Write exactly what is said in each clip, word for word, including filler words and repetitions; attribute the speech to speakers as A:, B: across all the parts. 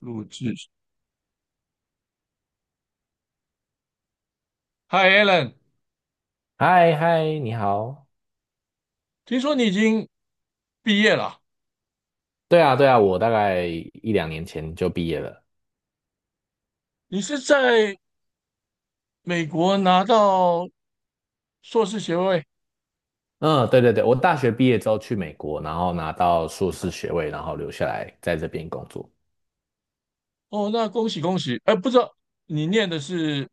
A: 录制。Hi Alan，
B: 嗨嗨，你好。
A: 听说你已经毕业了，
B: 对啊，对啊，我大概一两年前就毕业了。
A: 你是在美国拿到硕士学位。
B: 嗯，对对对，我大学毕业之后去美国，然后拿到硕士学位，然后留下来在这边工作。
A: 哦，那恭喜恭喜！哎，不知道你念的是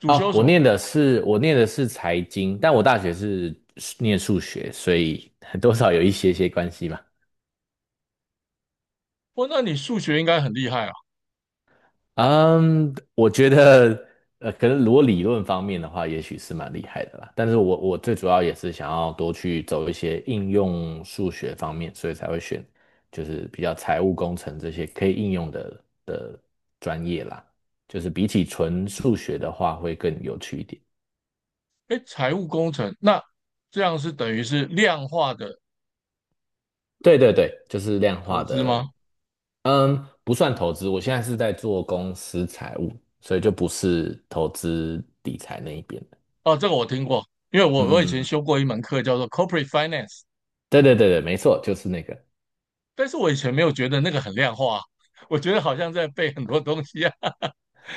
A: 主
B: 哦，
A: 修什
B: 我
A: 么？
B: 念的是我念的是财经，但我大学是念数学，所以多少有一些些关系吧。
A: 哦，那你数学应该很厉害啊。
B: 嗯，我觉得，呃，可能如果理论方面的话，也许是蛮厉害的啦。但是我我最主要也是想要多去走一些应用数学方面，所以才会选就是比较财务工程这些可以应用的的专业啦。就是比起纯数学的话，会更有趣一点。
A: 哎，财务工程，那这样是等于是量化的
B: 对对对，就是量化
A: 投资
B: 的。
A: 吗？
B: 嗯，不算投资。我现在是在做公司财务，所以就不是投资理财那一边的。
A: 哦，这个我听过，因为我
B: 嗯
A: 我以
B: 嗯嗯
A: 前
B: 嗯
A: 修过一门课叫做 Corporate Finance，
B: 对对对对，没错，就是那个。
A: 但是我以前没有觉得那个很量化啊，我觉得好像在背很多东西啊。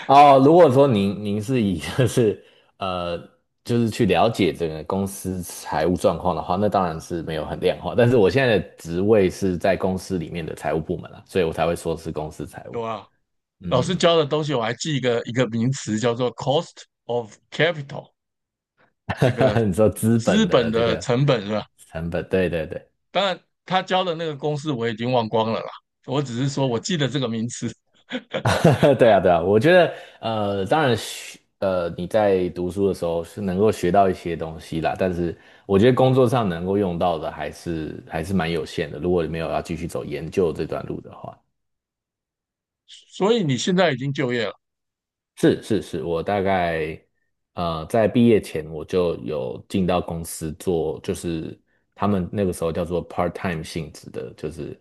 B: 哦，如果说您您是以 就是呃就是去了解整个公司财务状况的话，那当然是没有很量化。但是我现在的职位是在公司里面的财务部门啊，所以我才会说是公司财
A: 有
B: 务。
A: 啊？老
B: 嗯，
A: 师
B: 嗯
A: 教的东西，我还记一个一个名词叫做 cost of capital，这个
B: 嗯 你说资
A: 资
B: 本
A: 本
B: 的这
A: 的
B: 个
A: 成本是吧？
B: 成本，对对对。
A: 当然，他教的那个公式我已经忘光了啦，我只是说我记得这个名词。
B: 对啊，对啊，我觉得呃，当然学呃，你在读书的时候是能够学到一些东西啦，但是我觉得工作上能够用到的还是还是蛮有限的。如果你没有要继续走研究这段路的话，
A: 所以你现在已经就业了，
B: 是是是，我大概呃在毕业前我就有进到公司做，就是他们那个时候叫做 part time 性质的，就是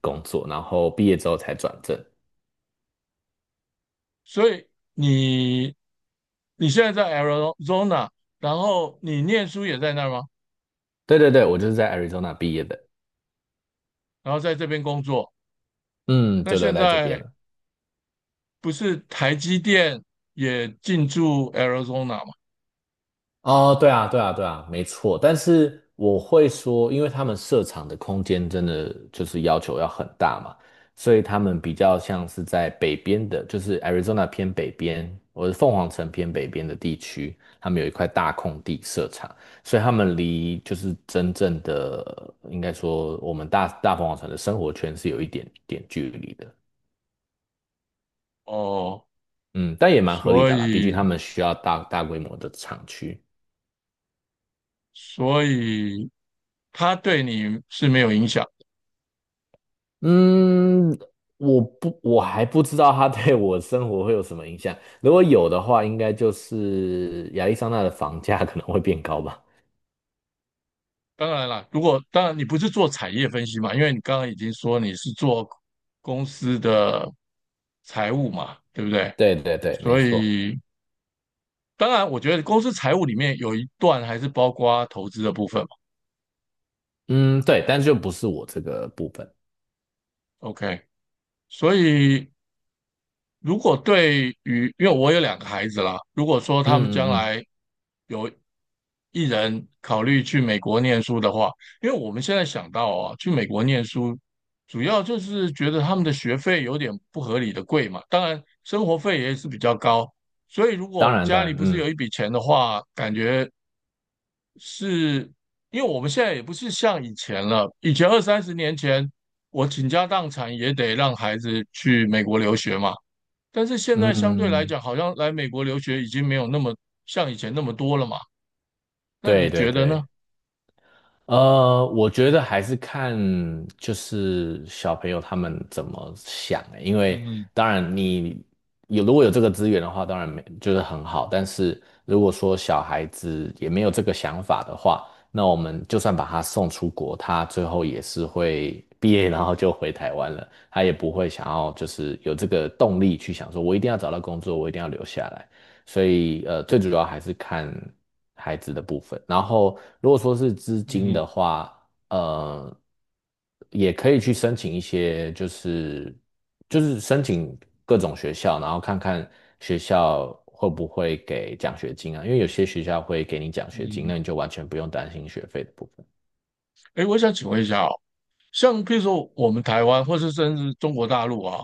B: 工作，然后毕业之后才转正。
A: 所以你你现在在 Arizona，然后你念书也在那儿吗？
B: 对对对，我就是在 Arizona 毕业的。
A: 然后在这边工作，
B: 嗯，
A: 那
B: 就留
A: 现
B: 在这边
A: 在
B: 了。
A: 不是台积电也进驻 Arizona 吗？
B: 哦，对啊，对啊，对啊，没错。但是我会说，因为他们设厂的空间真的就是要求要很大嘛，所以他们比较像是在北边的，就是 Arizona 偏北边，或者凤凰城偏北边的地区，他们有一块大空地设厂，所以他们离就是真正的，应该说我们大大凤凰城的生活圈是有一点点距离的。
A: 哦，
B: 嗯，但也蛮合理
A: 所
B: 的啦，毕竟他
A: 以
B: 们需要大大规模的厂区。
A: 所以它对你是没有影响的。
B: 嗯，我不，我还不知道它对我生活会有什么影响。如果有的话，应该就是亚利桑那的房价可能会变高吧。
A: 当然啦，如果当然你不是做产业分析嘛，因为你刚刚已经说你是做公司的财务嘛，对不对？
B: 对对对，没
A: 所
B: 错。
A: 以当然，我觉得公司财务里面有一段还是包括投资的部分嘛。
B: 嗯，对，但就不是我这个部分。
A: OK，所以如果对于因为我有两个孩子啦，如果说
B: 嗯
A: 他们
B: 嗯
A: 将
B: 嗯，
A: 来有一人考虑去美国念书的话，因为我们现在想到啊，去美国念书，主要就是觉得他们的学费有点不合理的贵嘛，当然生活费也是比较高，所以如
B: 当
A: 果
B: 然当
A: 家里
B: 然，
A: 不是有
B: 嗯
A: 一笔钱的话，感觉是因为我们现在也不是像以前了，以前二三十年前，我倾家荡产也得让孩子去美国留学嘛，但是现
B: 嗯，
A: 在相对
B: 嗯
A: 来
B: 嗯
A: 讲，好像来美国留学已经没有那么像以前那么多了嘛。那
B: 对
A: 你
B: 对
A: 觉得呢？
B: 对。呃，我觉得还是看就是小朋友他们怎么想欸，因为
A: 嗯嗯
B: 当然你有如果有这个资源的话，当然没就是很好，但是如果说小孩子也没有这个想法的话，那我们就算把他送出国，他最后也是会毕业然后就回台湾了，他也不会想要就是有这个动力去想说，我一定要找到工作，我一定要留下来。所以呃，最主要还是看孩子的部分。然后如果说是资金
A: 嗯，
B: 的话，呃，也可以去申请一些，就是就是申请各种学校，然后看看学校会不会给奖学金啊，因为有些学校会给你奖
A: 嗯
B: 学金，那
A: 嗯，
B: 你就完全不用担心学费的部分。
A: 哎，我想请问一下哦，像比如说我们台湾，或是甚至中国大陆啊，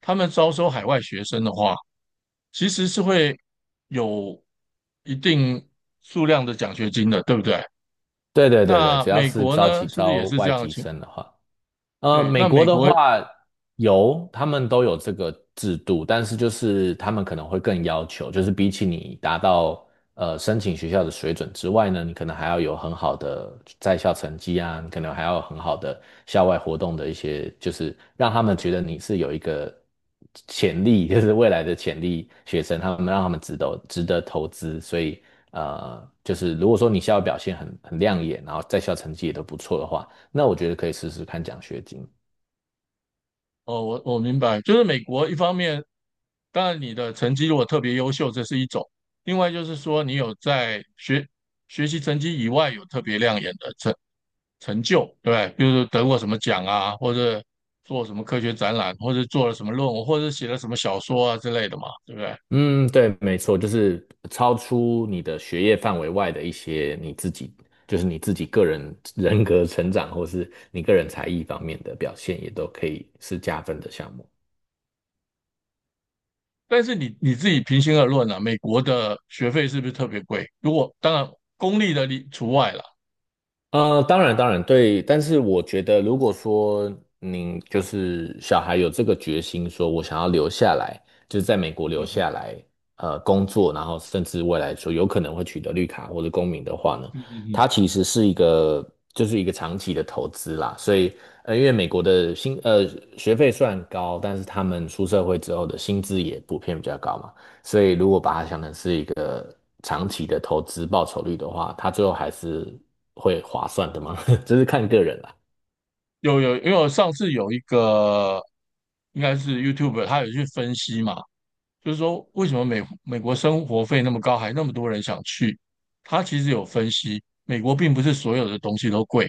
A: 他们招收海外学生的话，其实是会有一定数量的奖学金的，对不对？
B: 对对对对，
A: 那
B: 只要
A: 美
B: 是
A: 国
B: 招
A: 呢，
B: 起
A: 是不是也
B: 招
A: 是这
B: 外
A: 样的
B: 籍
A: 情？
B: 生的话。呃，
A: 对，
B: 美
A: 那
B: 国
A: 美
B: 的
A: 国，
B: 话有，他们都有这个制度，但是就是他们可能会更要求，就是比起你达到呃申请学校的水准之外呢，你可能还要有很好的在校成绩啊，你可能还要有很好的校外活动的一些，就是让他们觉得你是有一个潜力，就是未来的潜力学生，他们让他们值得值得投资，所以呃，就是如果说你校外表现很很亮眼，然后在校成绩也都不错的话。那我觉得可以试试看奖学金。
A: 哦，我我明白，就是美国一方面，当然你的成绩如果特别优秀，这是一种；另外就是说你有在学学习成绩以外有特别亮眼的成成就，对不对，比如说得过什么奖啊，或者做什么科学展览，或者做了什么论文，或者写了什么小说啊之类的嘛，对不对？
B: 嗯，对，没错，就是超出你的学业范围外的一些你自己，就是你自己个人人格成长，或是你个人才艺方面的表现，也都可以是加分的项目。
A: 但是你你自己平心而论啊，美国的学费是不是特别贵？如果当然公立的例除外了，
B: 呃，当然，当然，对，但是我觉得，如果说您就是小孩有这个决心，说我想要留下来，就是在美国留
A: 嗯哼，
B: 下来，呃，工作，然后甚至未来说有可能会取得绿卡或者公民的话呢，
A: 嗯嗯嗯，
B: 它其实是一个就是一个长期的投资啦。所以，呃，因为美国的薪呃学费虽然高，但是他们出社会之后的薪资也普遍比较高嘛。所以如果把它想成是一个长期的投资报酬率的话，它最后还是会划算的吗？这是看个人啦。
A: 有有，因为我上次有一个应该是 YouTube，他有去分析嘛，就是说为什么美美国生活费那么高，还那么多人想去？他其实有分析，美国并不是所有的东西都贵。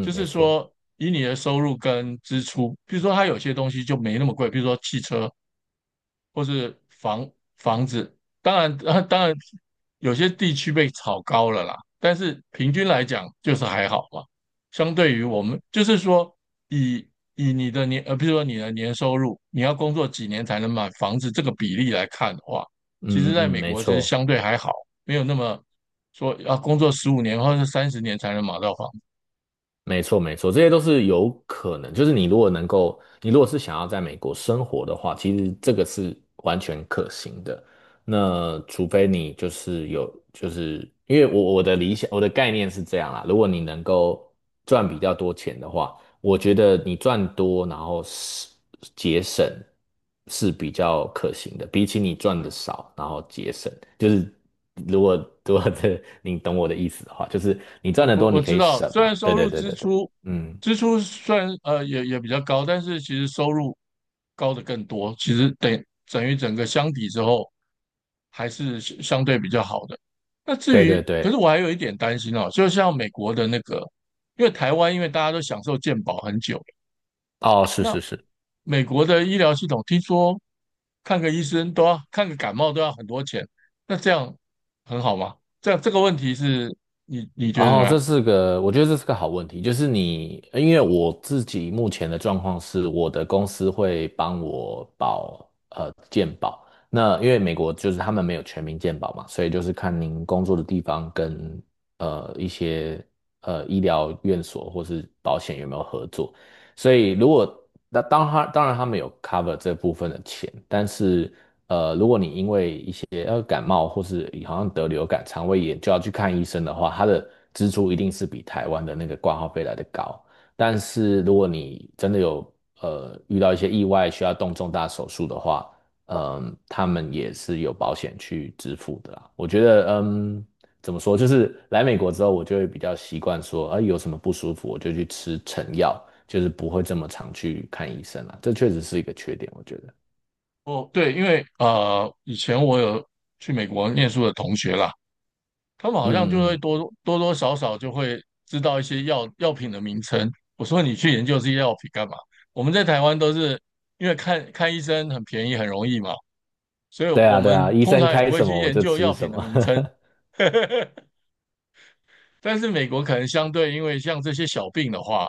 A: 就
B: 没
A: 是
B: 错，
A: 说以你的收入跟支出，比如说它有些东西就没那么贵，比如说汽车或是房房子，当然，啊当然有些地区被炒高了啦，但是平均来讲就是还好嘛。相对于我们，就是说以以你的年呃，比如说你的年收入，你要工作几年才能买房子这个比例来看的话，其实
B: 嗯嗯
A: 在
B: 嗯，
A: 美
B: 没
A: 国其实
B: 错，
A: 相对还好，没有那么说要工作十五年或者三十年才能买到房
B: 没错，没错，这些都是有可能。就是你如果能够，你如果是想要在美国生活的话，其实这个是完全可行的。那除非你就是有，就是因为我我的理想，我的概念是这样啦。如果你能够赚比较多钱的话，我觉得你赚多，然后是节省是比较可行的，比起你赚的少，然后节省，就是如果如果这你懂我的意思的话，就是你赚
A: 我
B: 的
A: 我
B: 多，你
A: 我
B: 可
A: 知
B: 以
A: 道，
B: 省
A: 虽然
B: 嘛。对
A: 收
B: 对
A: 入
B: 对
A: 支
B: 对对，
A: 出
B: 嗯，
A: 支出虽然呃也也比较高，但是其实收入高的更多，其实等等于整个相比之后还是相相对比较好的。那至
B: 对对
A: 于，
B: 对，
A: 可是我还有一点担心哦，就像美国的那个，因为台湾因为大家都享受健保很久了。
B: 哦，是
A: 那
B: 是是。
A: 美国的医疗系统听说看个医生都要看个感冒都要很多钱，那这样很好吗？这样这个问题是你你觉
B: 然
A: 得怎么
B: 后这
A: 样？
B: 是个，我觉得这是个好问题。就是你，因为我自己目前的状况是，我的公司会帮我保呃健保。那因为美国就是他们没有全民健保嘛，所以就是看您工作的地方跟呃一些呃医疗院所或是保险有没有合作。所以如果那当他当然他们有 cover 这部分的钱，但是一些呃感冒或是好像得流感、肠胃炎就要去看医生的话，他的支出一定是比台湾的那个挂号费来的高。但是如果你真的有呃遇到一些意外需要动重大手术的话，嗯，他们也是有保险去支付的啦。我觉得嗯。怎么说？就是来美国之后，我就会比较习惯说，啊，有什么不舒服我就去吃成药，就是不会这么常去看医生了。这确实是一个缺点，我觉得。嗯
A: 哦，对，因为呃，以前我有去美国念书的同学啦，他们
B: 嗯
A: 好像就会
B: 嗯
A: 多多多少少就会知道一些药药品的名称。我说你去研究这些药品干嘛？我们在台湾都是因为看看医生很便宜很容易嘛，所以
B: 对
A: 我
B: 啊，对啊，
A: 们
B: 医
A: 通
B: 生
A: 常也
B: 开
A: 不会
B: 什
A: 去
B: 么我
A: 研
B: 就
A: 究
B: 吃
A: 药
B: 什
A: 品的
B: 么。
A: 名称。但是美国可能相对，因为像这些小病的话，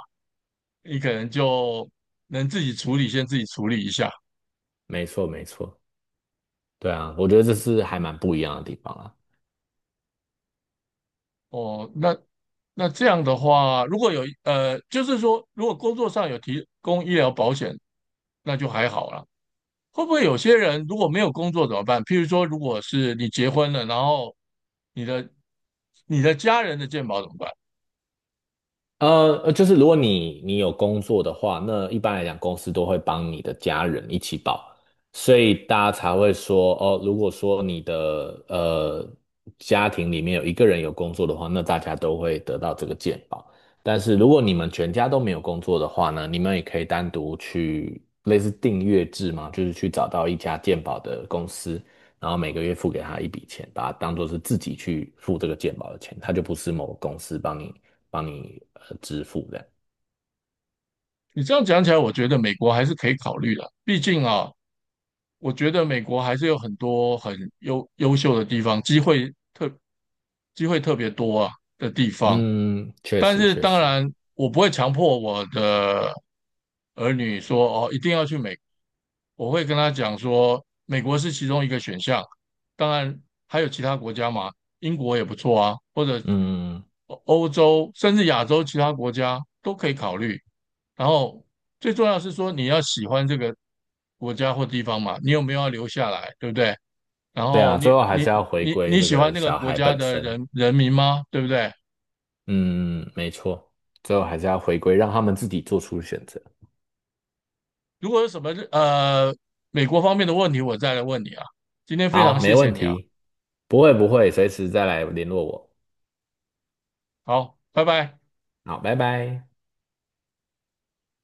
A: 你可能就能自己处理，先自己处理一下。
B: 没错，没错，对啊，我觉得这是还蛮不一样的地方啊。
A: 哦，那那这样的话，如果有呃，就是说，如果工作上有提供医疗保险，那就还好啦。会不会有些人如果没有工作怎么办？譬如说，如果是你结婚了，然后你的你的家人的健保怎么办？
B: 呃，呃就是如果你你有工作的话，那一般来讲，公司都会帮你的家人一起保，所以大家才会说，哦，如果说你的呃家庭里面有一个人有工作的话，那大家都会得到这个健保。但是如果你们全家都没有工作的话呢，你们也可以单独去类似订阅制嘛，就是去找到一家健保的公司，然后每个月付给他一笔钱，把它当做是自己去付这个健保的钱，他就不是某个公司帮你。帮你呃支付的。
A: 你这样讲起来，我觉得美国还是可以考虑的。毕竟啊，我觉得美国还是有很多很优优秀的地方，机会特机会特别多啊的地方。
B: 嗯，确
A: 但
B: 实
A: 是
B: 确
A: 当
B: 实，
A: 然，我不会强迫我的儿女说哦，一定要去美国。我会跟他讲说，美国是其中一个选项，当然还有其他国家嘛，英国也不错啊，或者
B: 嗯，
A: 欧欧洲甚至亚洲其他国家都可以考虑。然后最重要是说，你要喜欢这个国家或地方嘛，你有没有要留下来，对不对？然
B: 对
A: 后
B: 啊，最
A: 你
B: 后还
A: 你
B: 是要回
A: 你
B: 归
A: 你
B: 这
A: 喜欢
B: 个
A: 那个
B: 小
A: 国
B: 孩
A: 家
B: 本
A: 的
B: 身。
A: 人人民吗？对不对？
B: 嗯，没错，最后还是要回归，让他们自己做出选择。
A: 如果有什么呃美国方面的问题，我再来问你啊。今天非
B: 好，
A: 常
B: 没
A: 谢谢
B: 问
A: 你啊，
B: 题，不会不会，随时再来联络我。
A: 好，拜拜。
B: 好，拜拜。